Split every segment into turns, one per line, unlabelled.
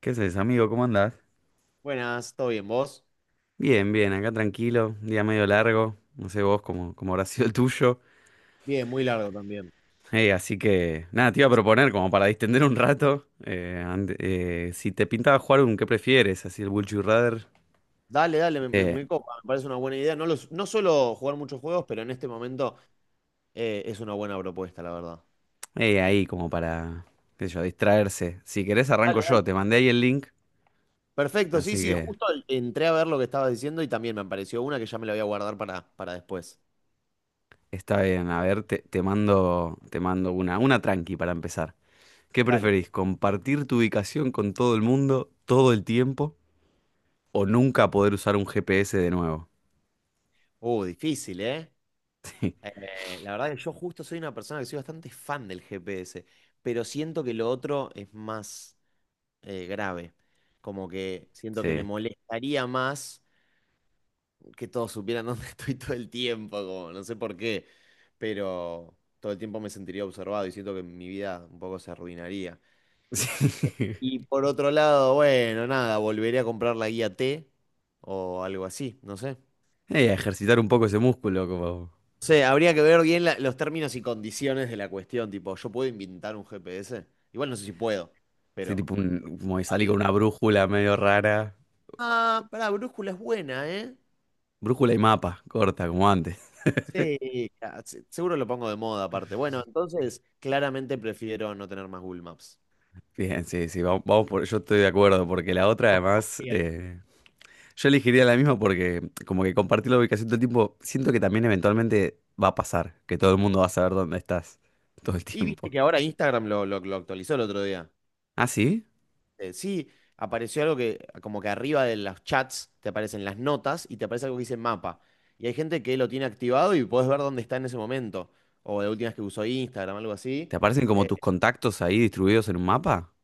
¿Qué haces, amigo? ¿Cómo andás?
Buenas, ¿todo bien? ¿Vos?
Bien, bien, acá tranquilo, día medio largo, no sé vos cómo habrá sido el tuyo.
Bien, muy largo también.
Así que, nada, te iba a proponer como para distender un rato, si te pintaba jugar un qué prefieres, así el Would You Rather,
Dale, dale,
eh,
me copa, me parece una buena idea. No, no suelo jugar muchos juegos, pero en este momento es una buena propuesta, la verdad.
ahí como para, qué sé yo, distraerse. Si querés arranco
Dale, dale.
yo, te mandé ahí el link,
Perfecto, sí,
así
sí,
que
entré a ver lo que estabas diciendo y también me apareció una que ya me la voy a guardar para después.
está bien, a ver, te mando una tranqui para empezar. ¿Qué
Dale.
preferís? ¿Compartir tu ubicación con todo el mundo todo el tiempo, o nunca poder usar un GPS de nuevo?
Difícil, ¿eh? La verdad que yo justo soy una persona que soy bastante fan del GPS, pero siento que lo otro es más grave. Como que siento que me
Sí.
molestaría más que todos supieran dónde estoy todo el tiempo, como no sé por qué, pero todo el tiempo me sentiría observado y siento que mi vida un poco se arruinaría.
Sí.
Y por otro lado, bueno, nada, volveré a comprar la guía T o algo así, no sé.
Y ejercitar un poco ese músculo, como,
No sé, habría que ver bien los términos y condiciones de la cuestión, tipo, ¿yo puedo inventar un GPS? Igual no sé si puedo,
sí,
pero
tipo un- como salí con
válido.
una brújula medio rara.
Ah, pará, brújula es buena, ¿eh?
Brújula y mapa, corta, como antes.
Sí, ah, seguro lo pongo de moda aparte. Bueno, entonces claramente prefiero no tener más Google Maps.
Bien, sí, sí, vamos, vamos por, yo estoy de acuerdo, porque la otra
Dos
además,
comidas.
yo elegiría la misma porque como que compartir la ubicación todo el tiempo, siento que también eventualmente va a pasar, que todo el mundo va a saber dónde estás todo el
Y viste
tiempo.
que ahora Instagram lo actualizó el otro día.
¿Ah, sí?
Sí, apareció algo que, como que arriba de los chats te aparecen las notas y te aparece algo que dice mapa. Y hay gente que lo tiene activado y podés ver dónde está en ese momento. O la última vez que usó Instagram, algo así.
¿Te aparecen como
Eh,
tus contactos ahí distribuidos en un mapa?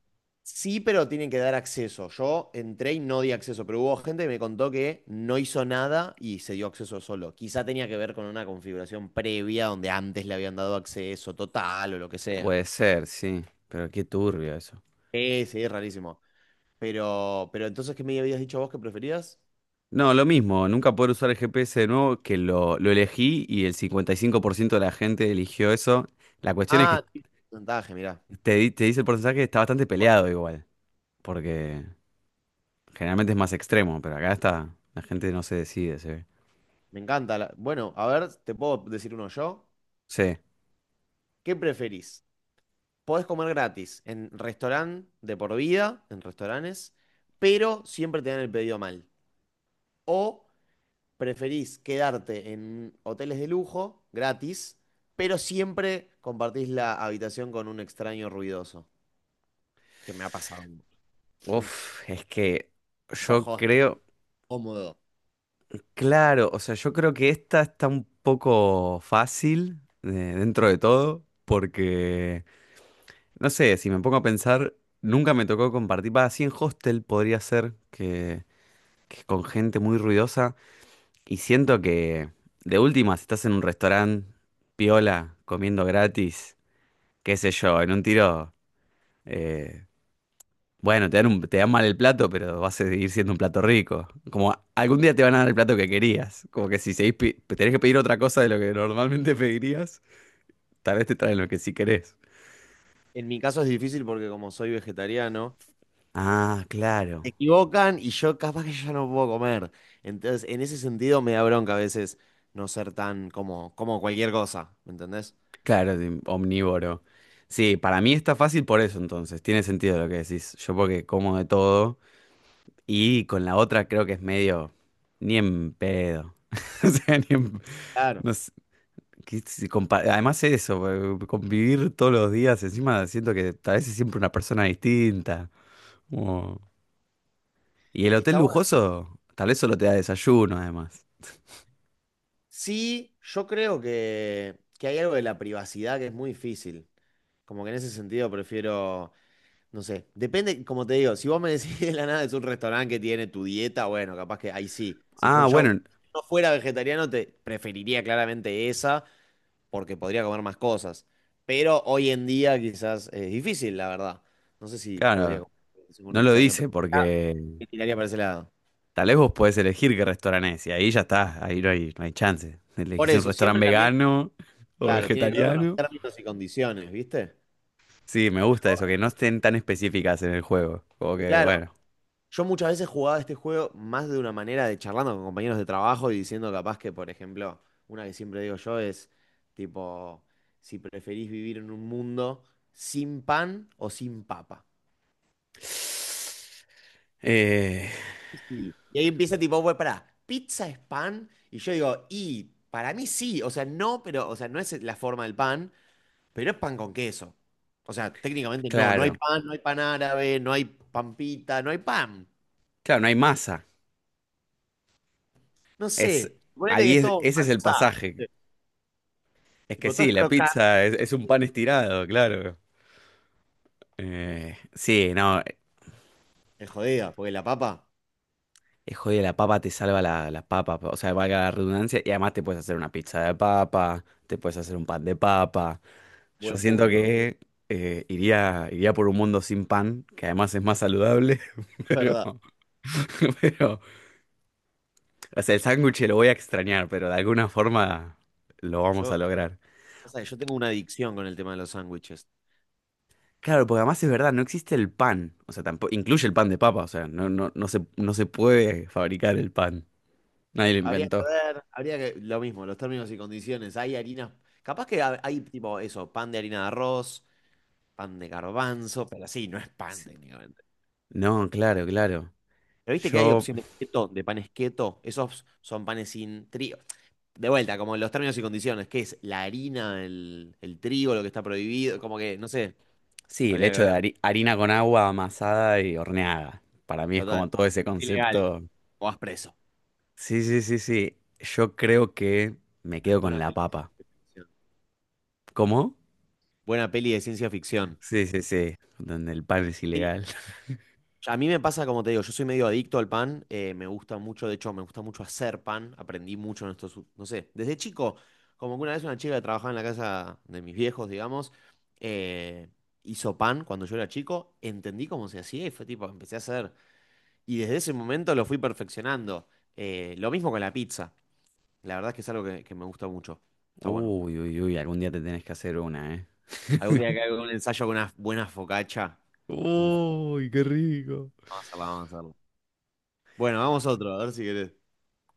sí, pero tienen que dar acceso. Yo entré y no di acceso, pero hubo gente que me contó que no hizo nada y se dio acceso solo. Quizá tenía que ver con una configuración previa donde antes le habían dado acceso total o lo que sea.
Puede ser, sí, pero qué turbio eso.
Sí, sí, es rarísimo. Pero entonces, ¿qué me habías dicho vos que preferías?
No, lo mismo, nunca poder usar el GPS de nuevo, que lo elegí y el 55% de la gente eligió eso. La cuestión es que
Ah, sí. Porcentaje, mirá.
te dice el porcentaje está bastante peleado igual, porque generalmente es más extremo, pero acá está, la gente no se decide, se ve.
Me encanta. Bueno, a ver, te puedo decir uno yo.
Sí.
¿Qué preferís? Podés comer gratis en restaurante de por vida, en restaurantes, pero siempre te dan el pedido mal. O preferís quedarte en hoteles de lujo, gratis, pero siempre compartís la habitación con un extraño ruidoso, que me ha pasado.
Uf, es que yo
Bajo hostel
creo,
cómodo.
claro, o sea, yo creo que esta está un poco fácil dentro de todo, porque... No sé, si me pongo a pensar, nunca me tocó compartir. Va, así en hostel podría ser que con gente muy ruidosa. Y siento que, de última, si estás en un restaurante piola, comiendo gratis, qué sé yo, en un tiro, eh, bueno, te dan mal el plato, pero vas a seguir siendo un plato rico. Como algún día te van a dar el plato que querías. Como que si seguís tenés que pedir otra cosa de lo que normalmente pedirías, tal vez te traen lo que sí querés.
En mi caso es difícil porque como soy vegetariano,
Ah, claro.
se equivocan y yo capaz que ya no puedo comer. Entonces, en ese sentido me da bronca a veces no ser tan como, como cualquier cosa, ¿me entendés?
Claro, de omnívoro. Sí, para mí está fácil por eso entonces. Tiene sentido lo que decís. Yo porque como de todo y con la otra creo que es medio ni en pedo. O sea, ni en...
Claro.
No sé, que si compa- Además eso, convivir todos los días, encima siento que tal vez es siempre una persona distinta. Como... Y el hotel
Está bueno.
lujoso tal vez solo te da desayuno además.
Sí, yo creo que hay algo de la privacidad que es muy difícil. Como que en ese sentido prefiero, no sé, depende, como te digo, si vos me decís de la nada es un restaurante que tiene tu dieta, bueno, capaz que ahí sí. Si fue
Ah,
yo,
bueno,
si no fuera vegetariano, te preferiría claramente esa, porque podría comer más cosas. Pero hoy en día quizás es difícil, la verdad. No sé si podría
claro,
comer un
no lo
extraño, pero
dice
ya
porque...
me tiraría para ese lado.
Tal vez vos podés elegir qué restaurante es, y ahí ya está, ahí no hay, no hay chance.
Por
Elegís un
eso,
restaurante
siempre también,
vegano o
claro, tiene que ver con los
vegetariano.
términos y condiciones, ¿viste?
Sí, me gusta eso, que no estén tan específicas en el juego. Como que,
Claro,
bueno.
yo muchas veces jugaba este juego más de una manera de charlando con compañeros de trabajo y diciendo capaz que, por ejemplo, una que siempre digo yo es tipo, si preferís vivir en un mundo sin pan o sin papa.
Eh,
Y ahí empieza tipo, bueno, pará, ¿pizza es pan? Y yo digo, y para mí sí, o sea, no, pero, o sea, no es la forma del pan, pero es pan con queso. O sea, técnicamente no hay
claro,
pan, no hay pan árabe, no hay pampita, no hay pan.
claro, no hay masa.
No
Es,
sé, ponele que
ahí
es
es-
todo
ese es el
marzá.
pasaje.
eh,
Es que
Tipo, todo
sí,
es
la
crocante.
pizza es un pan estirado, claro. Sí, no,
Es jodida, porque la papa,
Joder, la papa te salva la, la papa, o sea, valga la redundancia, y además te puedes hacer una pizza de papa, te puedes hacer un pan de papa. Yo
buen
siento
punto,
que iría por un mundo sin pan, que además es más saludable,
es
pero,
verdad.
pero, o sea, el sándwich lo voy a extrañar, pero de alguna forma lo vamos
Yo,
a lograr.
o sea, yo tengo una adicción con el tema de los sándwiches.
Claro, porque además es verdad, no existe el pan, o sea, tampoco, incluye el pan de papa, o sea, no, no, no se puede fabricar el pan, nadie lo
Habría que
inventó.
ver, habría que, lo mismo, los términos y condiciones. Hay harinas, capaz que hay tipo eso, pan de harina de arroz, pan de garbanzo, pero sí, no es pan
Sí.
técnicamente.
No, claro, claro.
Pero viste que hay
Yo
opciones keto, de panes keto, esos son panes sin trigo. De vuelta, como los términos y condiciones, ¿qué es? La harina, el trigo, lo que está prohibido, como que, no sé,
Sí, el
habría que
hecho
ver,
de harina con agua amasada y horneada. Para mí es como
total.
todo ese
Es ilegal,
concepto.
o vas preso.
Sí, sí, sí, sí. Yo creo que me
Ah,
quedo con
buena
la
peli
papa.
de ciencia ficción.
¿Cómo?
Buena peli de ciencia ficción.
Sí, sí, sí. Donde el pan es ilegal.
A mí me pasa, como te digo, yo soy medio adicto al pan, me gusta mucho, de hecho, me gusta mucho hacer pan, aprendí mucho en estos, no sé, desde chico, como que una vez una chica que trabajaba en la casa de mis viejos, digamos, eh, hizo pan cuando yo era chico, entendí cómo se hacía y fue tipo, empecé a hacer, y desde ese momento lo fui perfeccionando. Lo mismo con la pizza, la verdad es que es algo que me gusta mucho, está bueno.
Uy, uy, uy. Algún día te tenés que hacer una, ¿eh?
Algún día que haga un ensayo con una buena focaccia, y un
Uy, qué rico.
vamos a hacerla, vamos a hacerla. Bueno, vamos a otro, a ver si querés.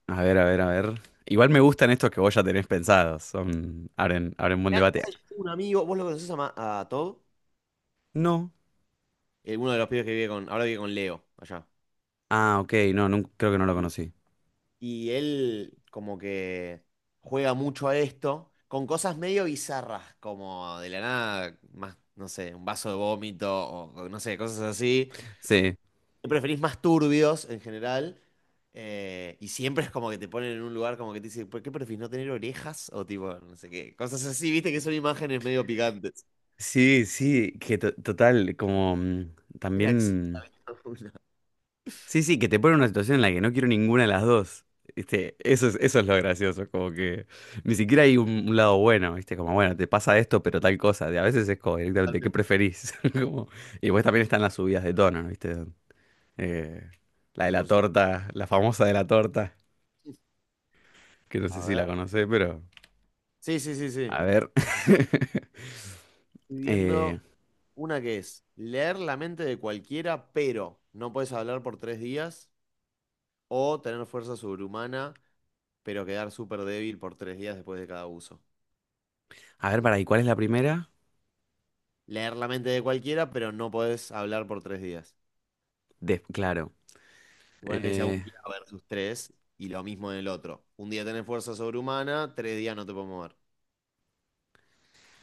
A ver, a ver, a ver. Igual me gustan estos que vos ya tenés pensados. Son... Abren buen
Mirá,
debate.
pasa que yo tengo un amigo, vos lo conocés a, a Todd.
No.
Uno de los pibes que vive con, ahora vive con Leo allá.
Ah, ok. No, creo que no lo
Y,
conocí.
y él como que juega mucho a esto, con cosas medio bizarras, como de la nada, más, no sé, un vaso de vómito o no sé, cosas así.
Sí.
Siempre preferís más turbios en general. Y siempre es como que te ponen en un lugar como que te dicen, ¿por qué preferís no tener orejas? O tipo, no sé qué, cosas así, viste que son imágenes medio picantes.
Sí, sí, que total, como
Era acción,
también...
una,
Sí, sí, que te pone en una situación en la que no quiero ninguna de las dos. ¿Viste? Eso es lo gracioso, como que ni siquiera hay un lado bueno, ¿viste? Como, bueno, te pasa esto, pero tal cosa. Y a veces es como directamente, ¿qué
totalmente,
preferís? Como, y pues también están las subidas de tono, ¿viste? Eh, la de la
100%.
torta, la famosa de la torta, que no sé
A
si
ver.
la conocés, pero...
Sí, sí, sí, sí.
A ver.
Estoy viendo
Eh,
una que es leer la mente de cualquiera, pero no puedes hablar por 3 días, o tener fuerza sobrehumana, pero quedar súper débil por 3 días después de cada uso.
a ver, para, ¿y cuál es la primera?
Leer la mente de cualquiera, pero no puedes hablar por tres días.
Claro.
Suponete que sea un
Eh,
día versus tres, y lo mismo en el otro. 1 día tenés fuerza sobrehumana, 3 días no te puedes mover.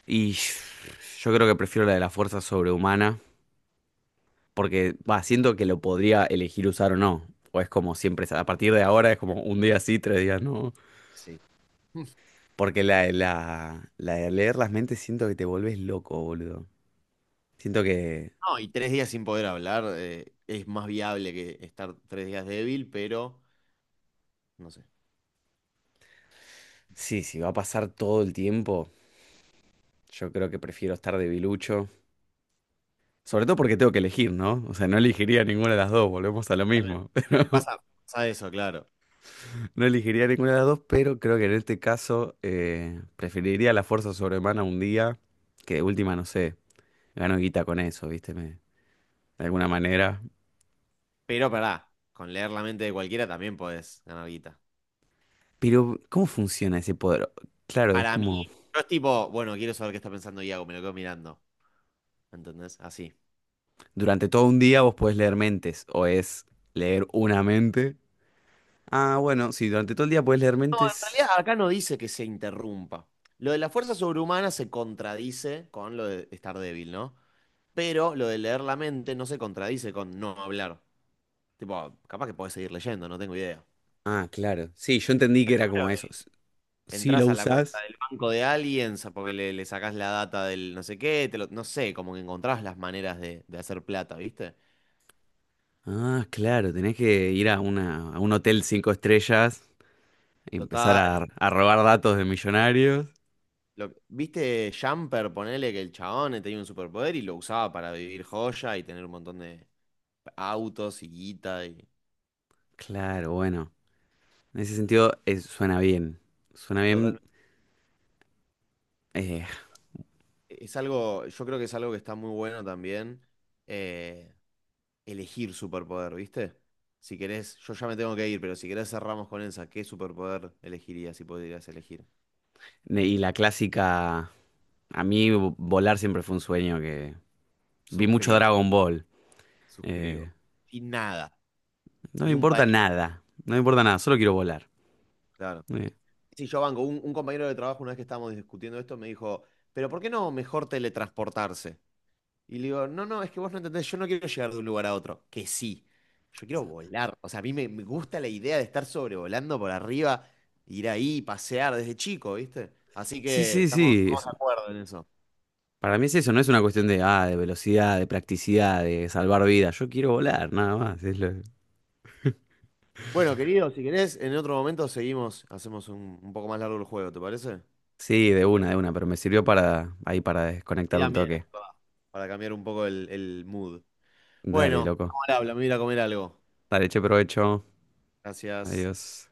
y yo creo que prefiero la de la fuerza sobrehumana, porque va, siento que lo podría elegir usar o no. O es como siempre, a partir de ahora es como un día sí, tres días no.
Sí.
Porque la de leer las mentes siento que te volvés loco, boludo. Siento que
No, y tres días sin poder hablar es más viable que estar 3 días débil, pero no sé.
sí, si va a pasar todo el tiempo, yo creo que prefiero estar debilucho. Sobre todo porque tengo que elegir, ¿no? O sea, no elegiría ninguna de las dos, volvemos a lo
Totalmente.
mismo.
Pasa, pasa eso, claro.
No elegiría ninguna de las dos, pero creo que en este caso preferiría la fuerza sobrehumana un día, que de última, no sé, gano guita con eso, ¿viste? De alguna manera.
Pero pará, con leer la mente de cualquiera también podés ganar guita.
Pero, ¿cómo funciona ese poder? Claro, es
Para mí,
como
no es tipo, bueno, quiero saber qué está pensando Iago, me lo quedo mirando. ¿Entendés? Así.
durante todo un día vos podés leer mentes, o es leer una mente. Ah, bueno, sí, durante todo el día podés leer
En
mentes.
realidad, acá no dice que se interrumpa. Lo de la fuerza sobrehumana se contradice con lo de estar débil, ¿no? Pero lo de leer la mente no se contradice con no hablar. Tipo, capaz que podés seguir leyendo, no tengo idea.
Ah, claro. Sí, yo entendí que era como eso. Si
Entrás
lo
a la cuenta
usás.
del banco de alguien, porque le sacás la data del no sé qué, no sé, como que encontrás las maneras de hacer plata, ¿viste?
Ah, claro, tenés que ir a una, a un hotel cinco estrellas. Empezar
Total.
a robar datos de millonarios.
¿Viste Jumper? Ponele que el chabón tenía un superpoder y lo usaba para vivir joya y tener un montón de autos y guita y
Claro, bueno. En ese sentido, suena bien. Suena
total.
bien. eh,
Es algo, yo creo que es algo que está muy bueno también, eh, elegir superpoder, ¿viste? Si querés, yo ya me tengo que ir, pero si querés cerramos con esa, ¿qué superpoder elegirías si podrías elegir?
y la clásica. A mí volar siempre fue un sueño que. Vi mucho
Suscribo.
Dragon Ball.
Suscribo.
Eh,
Sin nada,
no me
ni un
importa
palito.
nada. No me importa nada. Solo quiero volar.
Claro.
Eh,
Sí, yo banco. Un compañero de trabajo, una vez que estábamos discutiendo esto, me dijo, pero ¿por qué no mejor teletransportarse? Y le digo, no, no, es que vos no entendés, yo no quiero llegar de un lugar a otro. Que sí, yo quiero volar. O sea, a mí me gusta la idea de estar sobrevolando por arriba, ir ahí, pasear desde chico, ¿viste? Así
sí,
que
sí,
estamos,
sí.
estamos de acuerdo en eso.
Para mí es eso. No es una cuestión de, ah, de velocidad, de practicidad, de salvar vidas. Yo quiero volar, nada más.
Bueno, querido, si querés, en otro momento seguimos, hacemos un poco más largo el juego, ¿te parece?
Sí, de una, de una. Pero me sirvió para ahí para
Y
desconectar un
también, es
toque.
verdad, para cambiar un poco el mood.
Dale,
Bueno,
loco.
ahora habla, me voy a ir a comer algo.
Dale, che provecho.
Gracias.
Adiós.